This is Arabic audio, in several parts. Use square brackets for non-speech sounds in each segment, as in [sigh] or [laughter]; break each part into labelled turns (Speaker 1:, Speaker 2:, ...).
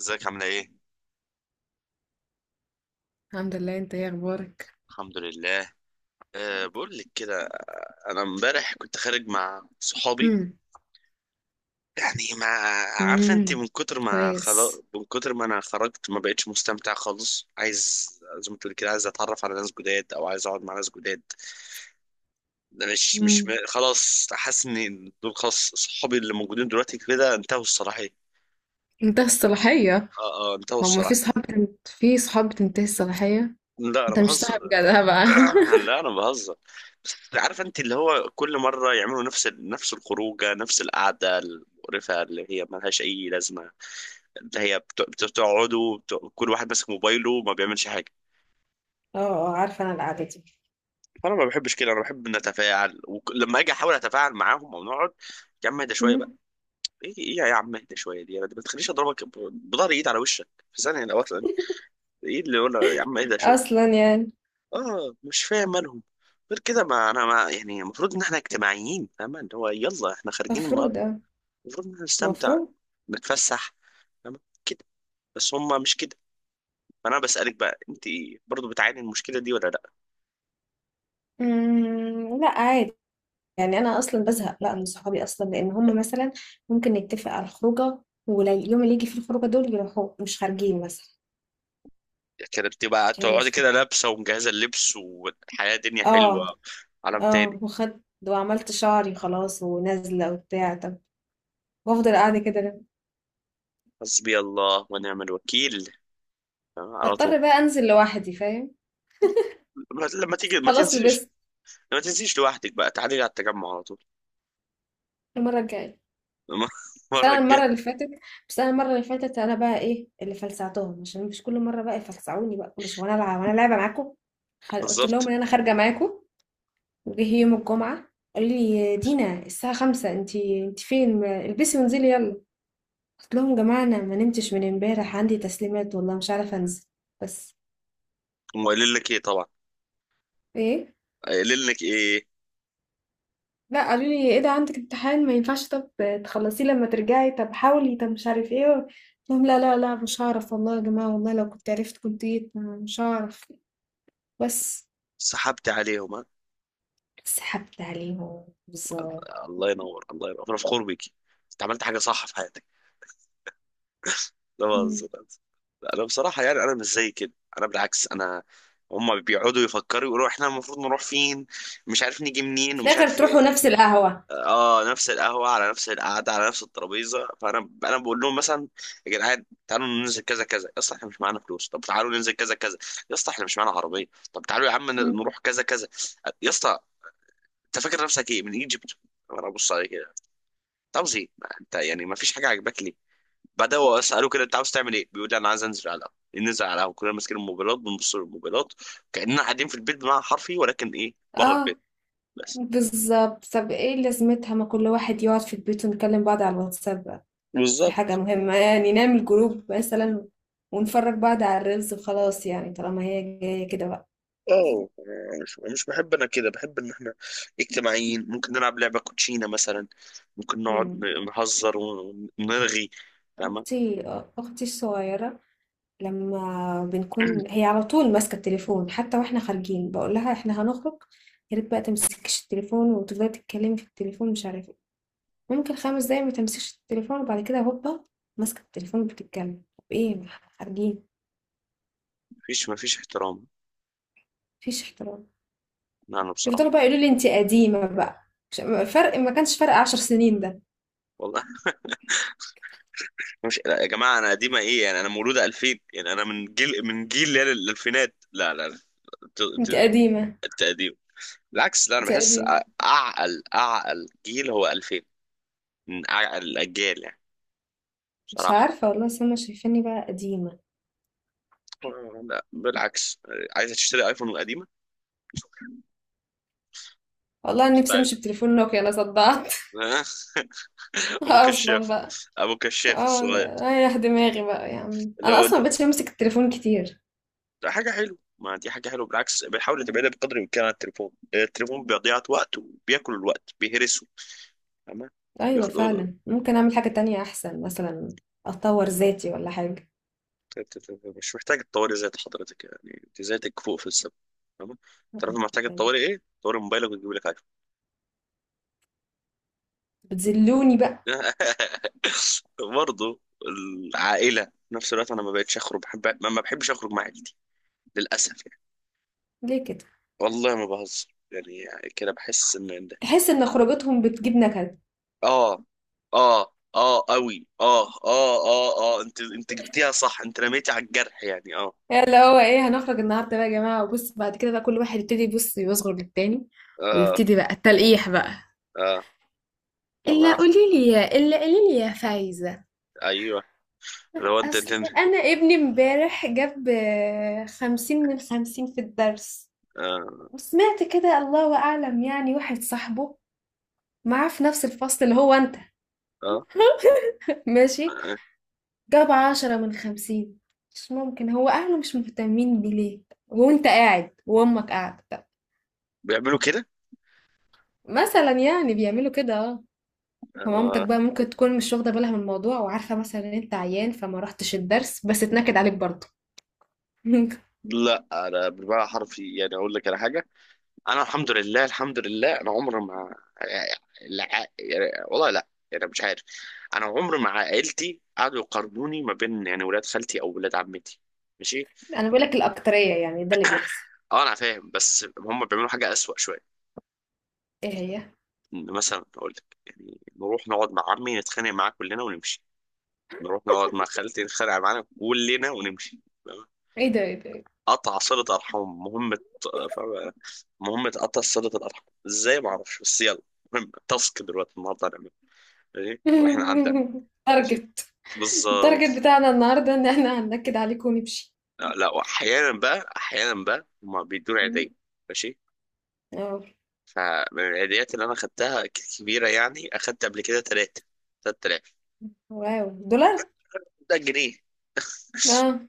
Speaker 1: ازيك عاملة ايه؟
Speaker 2: الحمد لله، انت ايه اخبارك؟
Speaker 1: الحمد لله. أه بقول لك كده، انا امبارح كنت خارج مع صحابي،
Speaker 2: امم
Speaker 1: يعني ما عارفه انت،
Speaker 2: امم
Speaker 1: من كتر ما، خلاص،
Speaker 2: كويس.
Speaker 1: من كتر ما انا خرجت ما بقتش مستمتع خالص. عايز، زي ما تقول كده، عايز اتعرف على ناس جداد او عايز اقعد مع ناس جداد. مش مش
Speaker 2: امم
Speaker 1: م- خلاص حاسس ان دول خلاص، صحابي اللي موجودين دلوقتي كده انتهوا الصلاحيه.
Speaker 2: انتهى الصلاحية.
Speaker 1: اه انتهوا
Speaker 2: هو ما في
Speaker 1: الصلاحيه،
Speaker 2: صحاب في صحاب بتنتهي الصلاحية.
Speaker 1: لا انا
Speaker 2: انت مش
Speaker 1: بهزر.
Speaker 2: صاحب جدع بقى.
Speaker 1: [coughs]
Speaker 2: [laughs]
Speaker 1: [clears throat] لا انا بهزر. بس عارف انت اللي هو كل مره يعملوا نفس نفس الخروجه، نفس القعده المقرفه اللي هي ما لهاش اي لازمه، اللي هي بتقعدوا كل واحد ماسك موبايله وما بيعملش حاجه.
Speaker 2: اه، اه، عارفة انا القعدة دي.
Speaker 1: فانا ما بحبش كده، انا بحب نتفاعل، ولما اجي احاول اتفاعل معاهم او نقعد. يا عم اهدى شويه بقى.
Speaker 2: مم.
Speaker 1: ايه ايه يا عم اهدى شويه دي؟ انا ما تخليش اضربك بضهر ايد على وشك في ثانيه لو اصلا. ايه اللي يقول يا عم اهدى شويه؟
Speaker 2: اصلا يعني.
Speaker 1: اه مش فاهم مالهم. غير كده، ما انا ما يعني المفروض ان احنا اجتماعيين، فاهمة؟ اللي هو يلا احنا خارجين النهارده،
Speaker 2: مفروض اه.
Speaker 1: المفروض ان احنا نستمتع،
Speaker 2: المفروض.
Speaker 1: نتفسح، فاهمة كده، بس هم مش كده. فانا بسألك بقى انت، برضو بتعاني من المشكلة دي ولا لا؟
Speaker 2: مم، لا عادي. يعني انا اصلا بزهق، لا من صحابي اصلا لان هم مثلا ممكن نتفق على الخروجة، واليوم اللي يجي فيه الخروجة دول يروحوا مش خارجين مثلا.
Speaker 1: يعني انت بقى
Speaker 2: دي
Speaker 1: تقعدي
Speaker 2: المشكلة.
Speaker 1: كده لابسة ومجهزة اللبس والحياة دنيا حلوة،
Speaker 2: اه،
Speaker 1: عالم
Speaker 2: اه،
Speaker 1: تاني.
Speaker 2: وخدت وعملت شعري خلاص ونازلة وبتاع، طب. وافضل قاعدة كده ليه؟
Speaker 1: حسبي الله ونعم الوكيل، فاهمة؟ على طول.
Speaker 2: بضطر بقى انزل لوحدي، فاهم.
Speaker 1: لما لما تيجي ما
Speaker 2: خلاص
Speaker 1: تنزلش،
Speaker 2: لبست.
Speaker 1: ما تنزليش لوحدك بقى، تعالي على التجمع على طول.
Speaker 2: المرة الجاية.
Speaker 1: [laughs]
Speaker 2: بس
Speaker 1: المرة
Speaker 2: انا
Speaker 1: الجاية،
Speaker 2: المرة اللي فاتت، بس انا المرة اللي فاتت انا بقى ايه اللي فلسعتهم عشان مش كل مرة بقى يفلسعوني بقى كل شوية وانا العب وانا لعبة معاكم. قلت لهم
Speaker 1: بالظبط.
Speaker 2: ان انا خارجة معاكم. وجه يوم الجمعة، قالوا لي دينا الساعة خمسة، انتي فين، البسي وانزلي يلا. قلت لهم يا جماعة انا ما نمتش من امبارح، عندي تسليمات والله مش عارفة انزل. بس
Speaker 1: هم قايلين لك ايه طبعا؟
Speaker 2: ايه،
Speaker 1: قايل لك ايه؟
Speaker 2: لا، قالوا لي ايه ده؟ عندك امتحان؟ ما ينفعش. طب تخلصيه لما ترجعي، طب حاولي، طب مش عارف ايه. قلت لهم لا لا لا، مش هعرف والله يا جماعة، والله لو كنت عرفت كنت جيت، مش هعرف. بس.
Speaker 1: سحبت عليهم ها؟
Speaker 2: سحبت عليهم بالظبط.
Speaker 1: الله ينور. الله ينور، انا فخور بيكي، انت عملت حاجه صح في حياتك. لا
Speaker 2: مم.
Speaker 1: بهزر، لا بهزر. لا، انا بصراحه، يعني انا مش زي كده، انا بالعكس. انا هم بيقعدوا يفكروا، يقولوا احنا المفروض نروح فين، مش عارف نيجي منين
Speaker 2: في
Speaker 1: ومش
Speaker 2: الاخر
Speaker 1: عارف
Speaker 2: تروحوا نفس
Speaker 1: إيه.
Speaker 2: القهوة.
Speaker 1: اه نفس القهوه، على نفس القعده، على نفس الترابيزه. فانا بقول لهم مثلا، يا جدعان تعالوا ننزل كذا كذا. يا اسطى احنا مش معانا فلوس، طب تعالوا ننزل كذا كذا. يا اسطى احنا مش معانا عربيه، طب تعالوا يا عم
Speaker 2: مم.
Speaker 1: نروح كذا كذا. يا اسطى انت فاكر نفسك ايه، من ايجيبت؟ وانا ابص عليه كده، انت عاوز ايه؟ ما انت يعني ما فيش حاجه عاجباك، ليه؟ بعدها هو اساله كده، انت عاوز تعمل ايه؟ بيقول لي انا عايز انزل على القهوه. ننزل على القهوه كلنا ماسكين الموبايلات، بنبص للموبايلات كاننا قاعدين في البيت بمعنى حرفي، ولكن ايه، بره
Speaker 2: اه
Speaker 1: البيت. بس
Speaker 2: بالظبط، طب ايه لازمتها؟ ما كل واحد يقعد في البيت ونكلم بعض على الواتساب بقى. في حاجة
Speaker 1: بالظبط.
Speaker 2: مهمة يعني، نعمل جروب مثلا ونفرج بعض على الريلز وخلاص، يعني طالما هي جاية كده بقى.
Speaker 1: اه مش بحب انا كده، بحب ان احنا اجتماعيين، ممكن نلعب لعبه كوتشينه مثلا، ممكن نقعد
Speaker 2: مم.
Speaker 1: نهزر ونرغي، فاهمه؟
Speaker 2: اختي، اختي الصغيره، لما بنكون هي
Speaker 1: [clears throat]
Speaker 2: على طول ماسكه التليفون، حتى واحنا خارجين بقول لها احنا هنخرج، يا ريت بقى تمسكيش التليفون وتفضلي تتكلمي في التليفون مش عارفه إيه. ممكن خمس دقايق ما تمسكش التليفون، وبعد كده هوبا ماسكه التليفون بتتكلم، طب ايه؟ خارجين.
Speaker 1: مفيش احترام.
Speaker 2: مفيش احترام.
Speaker 1: لا، انا
Speaker 2: يفضلوا بقى
Speaker 1: بصراحه،
Speaker 2: يقولوا لي انت قديمه بقى. مش- فرق، ما كانش فرق عشر سنين ده.
Speaker 1: والله. مش لا يا جماعه انا قديمه ايه يعني؟ انا مولوده 2000، يعني انا من جيل، من جيل اللي هي الالفينات. لا ت- ت-
Speaker 2: انت قديمه.
Speaker 1: التقديم، بالعكس، لا انا
Speaker 2: انت
Speaker 1: بحس
Speaker 2: قديمه.
Speaker 1: اعقل، اعقل جيل هو 2000، من اعقل الاجيال يعني،
Speaker 2: مش
Speaker 1: بصراحه.
Speaker 2: عارفه والله، سما شايفاني بقى قديمه.
Speaker 1: لا بالعكس، عايزه تشتري ايفون قديمه
Speaker 2: والله نفسي
Speaker 1: ستايل.
Speaker 2: امشي بتليفون نوكيا، انا صدعت.
Speaker 1: [laughs]
Speaker 2: [laughs]
Speaker 1: ابو
Speaker 2: اصلا
Speaker 1: كشاف،
Speaker 2: بقى،
Speaker 1: ابو كشاف
Speaker 2: اه.
Speaker 1: الصغير.
Speaker 2: رايح دماغي بقى يا عم،
Speaker 1: اللي
Speaker 2: انا
Speaker 1: هو
Speaker 2: اصلا مبقتش بمسك التليفون كتير.
Speaker 1: ده حاجه حلوه، ما دي حاجه حلوه بالعكس، بيحاول تبعدها بقدر الامكان عن التليفون، التليفون بيضيع وقت وبياكل الوقت، بيهرسه، تمام.
Speaker 2: ايوه
Speaker 1: بياخد.
Speaker 2: فعلا، ممكن اعمل حاجة تانية احسن مثلا، اطور ذاتي ولا حاجة.
Speaker 1: مش محتاج تطوري ذات حضرتك يعني، انت ذاتك فوق في السما، تمام. تعرف محتاج تطوري ايه؟ تطوري موبايلك وتجيب لك ايفون.
Speaker 2: بتذلوني بقى.
Speaker 1: [laughs] برضه العائله، في نفس الوقت انا ما بقتش اخرج. بحب، ما بحبش اخرج مع عيلتي للاسف يعني.
Speaker 2: ليه كده؟
Speaker 1: والله ما بهزر، يعني كده بحس ان إن ده،
Speaker 2: تحس ان خروجتهم بتجيب نكد.
Speaker 1: اه اه قوي، اه انت انت جبتيها صح، انت رميتي على الجرح يعني، اه
Speaker 2: يعني اللي هو ايه، هنخرج النهارده بقى يا جماعة، وبص بعد كده بقى كل واحد يبتدي يبص يصغر للتاني،
Speaker 1: اه
Speaker 2: ويبتدي بقى التلقيح بقى.
Speaker 1: اه الله يعافيك.
Speaker 2: الا قولي لي يا فايزة.
Speaker 1: ايوه. لو انت
Speaker 2: اصل
Speaker 1: انت.
Speaker 2: انا ابني امبارح جاب خمسين من خمسين في الدرس.
Speaker 1: آه.
Speaker 2: وسمعت كده، الله أعلم يعني، واحد صاحبه معاه في نفس الفصل اللي هو أنت.
Speaker 1: اه.
Speaker 2: [laughs] ماشي،
Speaker 1: آه.
Speaker 2: جاب عشرة من خمسين. مش ممكن، هو أهله مش مهتمين بليه؟ وأنت قاعد وأمك قاعدة، طب.
Speaker 1: بيعملوا كده.
Speaker 2: مثلا يعني بيعملوا كده، اه. فمامتك
Speaker 1: آه.
Speaker 2: بقى ممكن تكون مش واخدة بالها من الموضوع، وعارفة مثلا إن أنت عيان فما رحتش الدرس، بس اتنكد عليك برضه. [laughs]
Speaker 1: لا انا بالمعنى الحرفي، يعني اقول لك على حاجه، انا الحمد لله، الحمد لله انا عمري ما، لا، يعني والله لا، يعني مش عارف. انا عمري مع عائلتي قعدوا يقارنوني ما بين يعني ولاد خالتي او ولاد عمتي، ماشي.
Speaker 2: أنا بقولك الأكترية يعني، ده اللي بيحصل.
Speaker 1: اه انا فاهم، بس هم بيعملوا حاجه اسوأ شويه،
Speaker 2: إيه هي؟
Speaker 1: إن مثلا اقول لك يعني نروح نقعد مع عمي نتخانق معاه كلنا ونمشي، نروح نقعد مع خالتي نتخانق معانا كلنا ونمشي،
Speaker 2: إيه ده؟ إيه ده؟ [laughs] إيه
Speaker 1: قطع صلة أرحام مهمة، فاهم؟ مهمة قطع صلة الأرحام، إزاي ما أعرفش، بس يلا، مهم. تاسك دلوقتي النهاردة هنعمل، ماشي،
Speaker 2: ده؟
Speaker 1: وإحنا عندنا، ماشي،
Speaker 2: التارجت. التارجت
Speaker 1: بالظبط.
Speaker 2: بتاعنا النهاردة إن إحنا هننكد عليك ونمشي.
Speaker 1: آه، لا أحيانا بقى، أحيانا بقى هما بيدوني عيدية،
Speaker 2: مم.
Speaker 1: ماشي.
Speaker 2: اه.
Speaker 1: فمن العيديات اللي أنا خدتها كبيرة يعني، أخدت قبل كده تلاتة، تلات آلاف.
Speaker 2: واو، دولار؟
Speaker 1: ده جنيه،
Speaker 2: اه.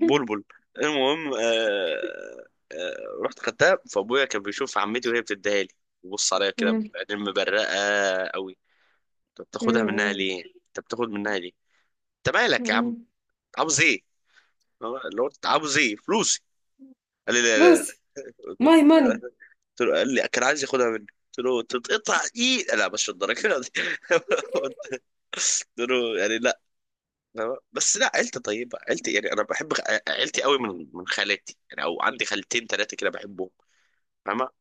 Speaker 1: بلبل. المهم، آه رحت خدتها، فأبويا كان بيشوف عمتي وهي بتديها لي، بص عليا كده،
Speaker 2: مم.
Speaker 1: بعدين مبرقة قوي. انت بتاخدها منها
Speaker 2: مم.
Speaker 1: ليه؟ انت بتاخد منها ليه؟ انت مالك يا عم؟
Speaker 2: مم.
Speaker 1: عاوز ايه؟ اللي هو عاوز ايه، فلوسي؟ قال لي لا لا.
Speaker 2: فلوس. ماي ماني.
Speaker 1: قلت له، قال لي كان عايز ياخدها مني. قلت له تتقطع ايه، لا مش الدرجه دي. [laughs] قلت له يعني لا. بس لا عيلتي طيبه، عيلتي يعني انا بحب عيلتي قوي، من خالاتي يعني، او عندي خالتين ثلاثه كده بحبهم، فاهمه؟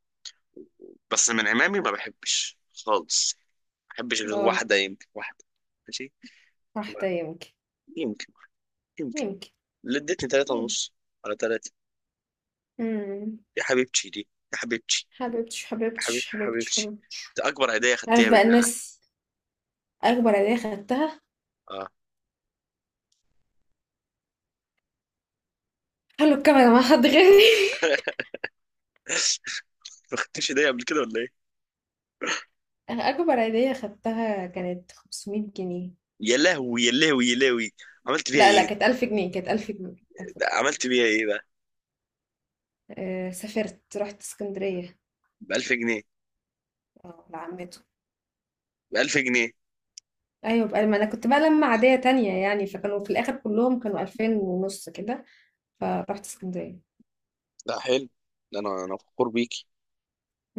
Speaker 1: بس من عمامي ما بحبش خالص، ما بحبش غير
Speaker 2: اه.
Speaker 1: واحده، يمكن واحده، ماشي. ما-
Speaker 2: واحدة يمكن.
Speaker 1: يمكن.
Speaker 2: يمكن.
Speaker 1: اللي ادتني تلاتة
Speaker 2: يمكن.
Speaker 1: ونص، على تلاتة،
Speaker 2: مم.
Speaker 1: يا حبيبتي دي، يا حبيبتي،
Speaker 2: حبيبتش،
Speaker 1: يا حبيب
Speaker 2: حبيبتش،
Speaker 1: يا
Speaker 2: حبيبتش،
Speaker 1: حبيبتي،
Speaker 2: حبيبتش.
Speaker 1: ده أكبر هدية
Speaker 2: عارف
Speaker 1: خدتيها من
Speaker 2: بقى
Speaker 1: حياتي،
Speaker 2: الناس، أكبر عيدية خدتها،
Speaker 1: اه.
Speaker 2: خلوا الكاميرا مع حد غيري.
Speaker 1: [laughs] ما خدتش هدية قبل كده ولا إيه؟
Speaker 2: [laughs] أكبر عيدية خدتها كانت 500 جنيه.
Speaker 1: يا لهوي، يا لهوي. عملت بيها
Speaker 2: لا لا،
Speaker 1: إيه؟
Speaker 2: كانت 1000 جنيه، كانت 1000 جنيه، ألف
Speaker 1: ده
Speaker 2: جنيه.
Speaker 1: عملت بيها إيه بقى؟
Speaker 2: آه، سافرت رحت اسكندرية.
Speaker 1: ب 1000 جنيه؟
Speaker 2: اه لعمته.
Speaker 1: ب 1000 جنيه.
Speaker 2: ايوه بقى، ما انا كنت بقى لما عادية تانية يعني، فكانوا في الاخر كلهم كانوا 2000 ونص كده. فرحت اسكندرية.
Speaker 1: لا حلو. ده أنا، أنا فخور بيكي،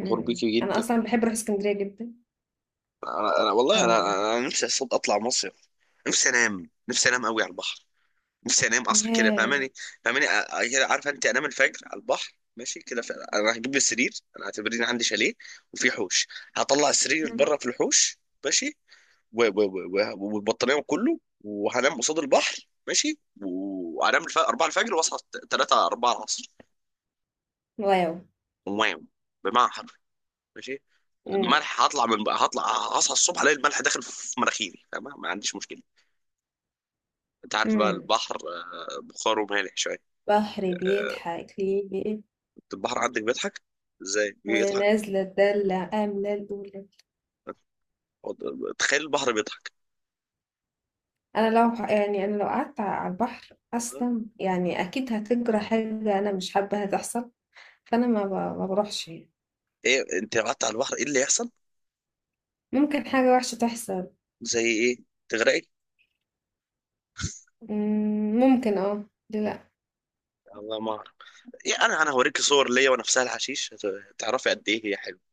Speaker 1: فخور بيكي
Speaker 2: انا
Speaker 1: جدا.
Speaker 2: اصلا بحب اروح اسكندرية جدا.
Speaker 1: أنا,
Speaker 2: ف.
Speaker 1: والله، أنا نفسي أصلا أطلع مصيف، نفسي أنام، نفسي أنام قوي على البحر، نفسي انام اصحى كده،
Speaker 2: ياه.
Speaker 1: فاهماني؟ فاهماني كده، عارفه انت، انام الفجر على البحر، ماشي كده، انا هجيب لي سرير، انا اعتبرني عندي شاليه وفي حوش، هطلع السرير
Speaker 2: مم.
Speaker 1: بره في الحوش، ماشي، والبطانيه وكله، وهنام قصاد البحر، ماشي، وهنام 4 الفجر واصحى 3 4 العصر.
Speaker 2: واو.
Speaker 1: واو، بمعنى حرفي، ماشي.
Speaker 2: مم.
Speaker 1: الملح هطلع من بقى، هطلع، هصحى الصبح الاقي الملح داخل في مناخيري، تمام، ما عنديش مشكله، انت عارف بقى
Speaker 2: مم.
Speaker 1: البحر، آه، بخاره مالح شويه.
Speaker 2: بحر
Speaker 1: آه،
Speaker 2: بيضحك ليه؟
Speaker 1: البحر عندك بيضحك؟ ازاي بيضحك؟
Speaker 2: ونازلة الدلة آملة الأولى.
Speaker 1: تخيل البحر بيضحك.
Speaker 2: أنا لو يعني، أنا لو قعدت على البحر أصلا يعني أكيد هتجرى حاجة أنا مش حابة هتحصل. فأنا ما بروحش يعني.
Speaker 1: ايه انت قعدت على البحر ايه اللي يحصل؟
Speaker 2: ممكن حاجة وحشة تحصل.
Speaker 1: زي ايه، تغرقي؟
Speaker 2: مم، ممكن اه، ليه لأ.
Speaker 1: الله ما اعرف. إيه انا، انا هوريك صور ليا وانا في سهل حشيش، هتعرفي قد ايه هي حلوه.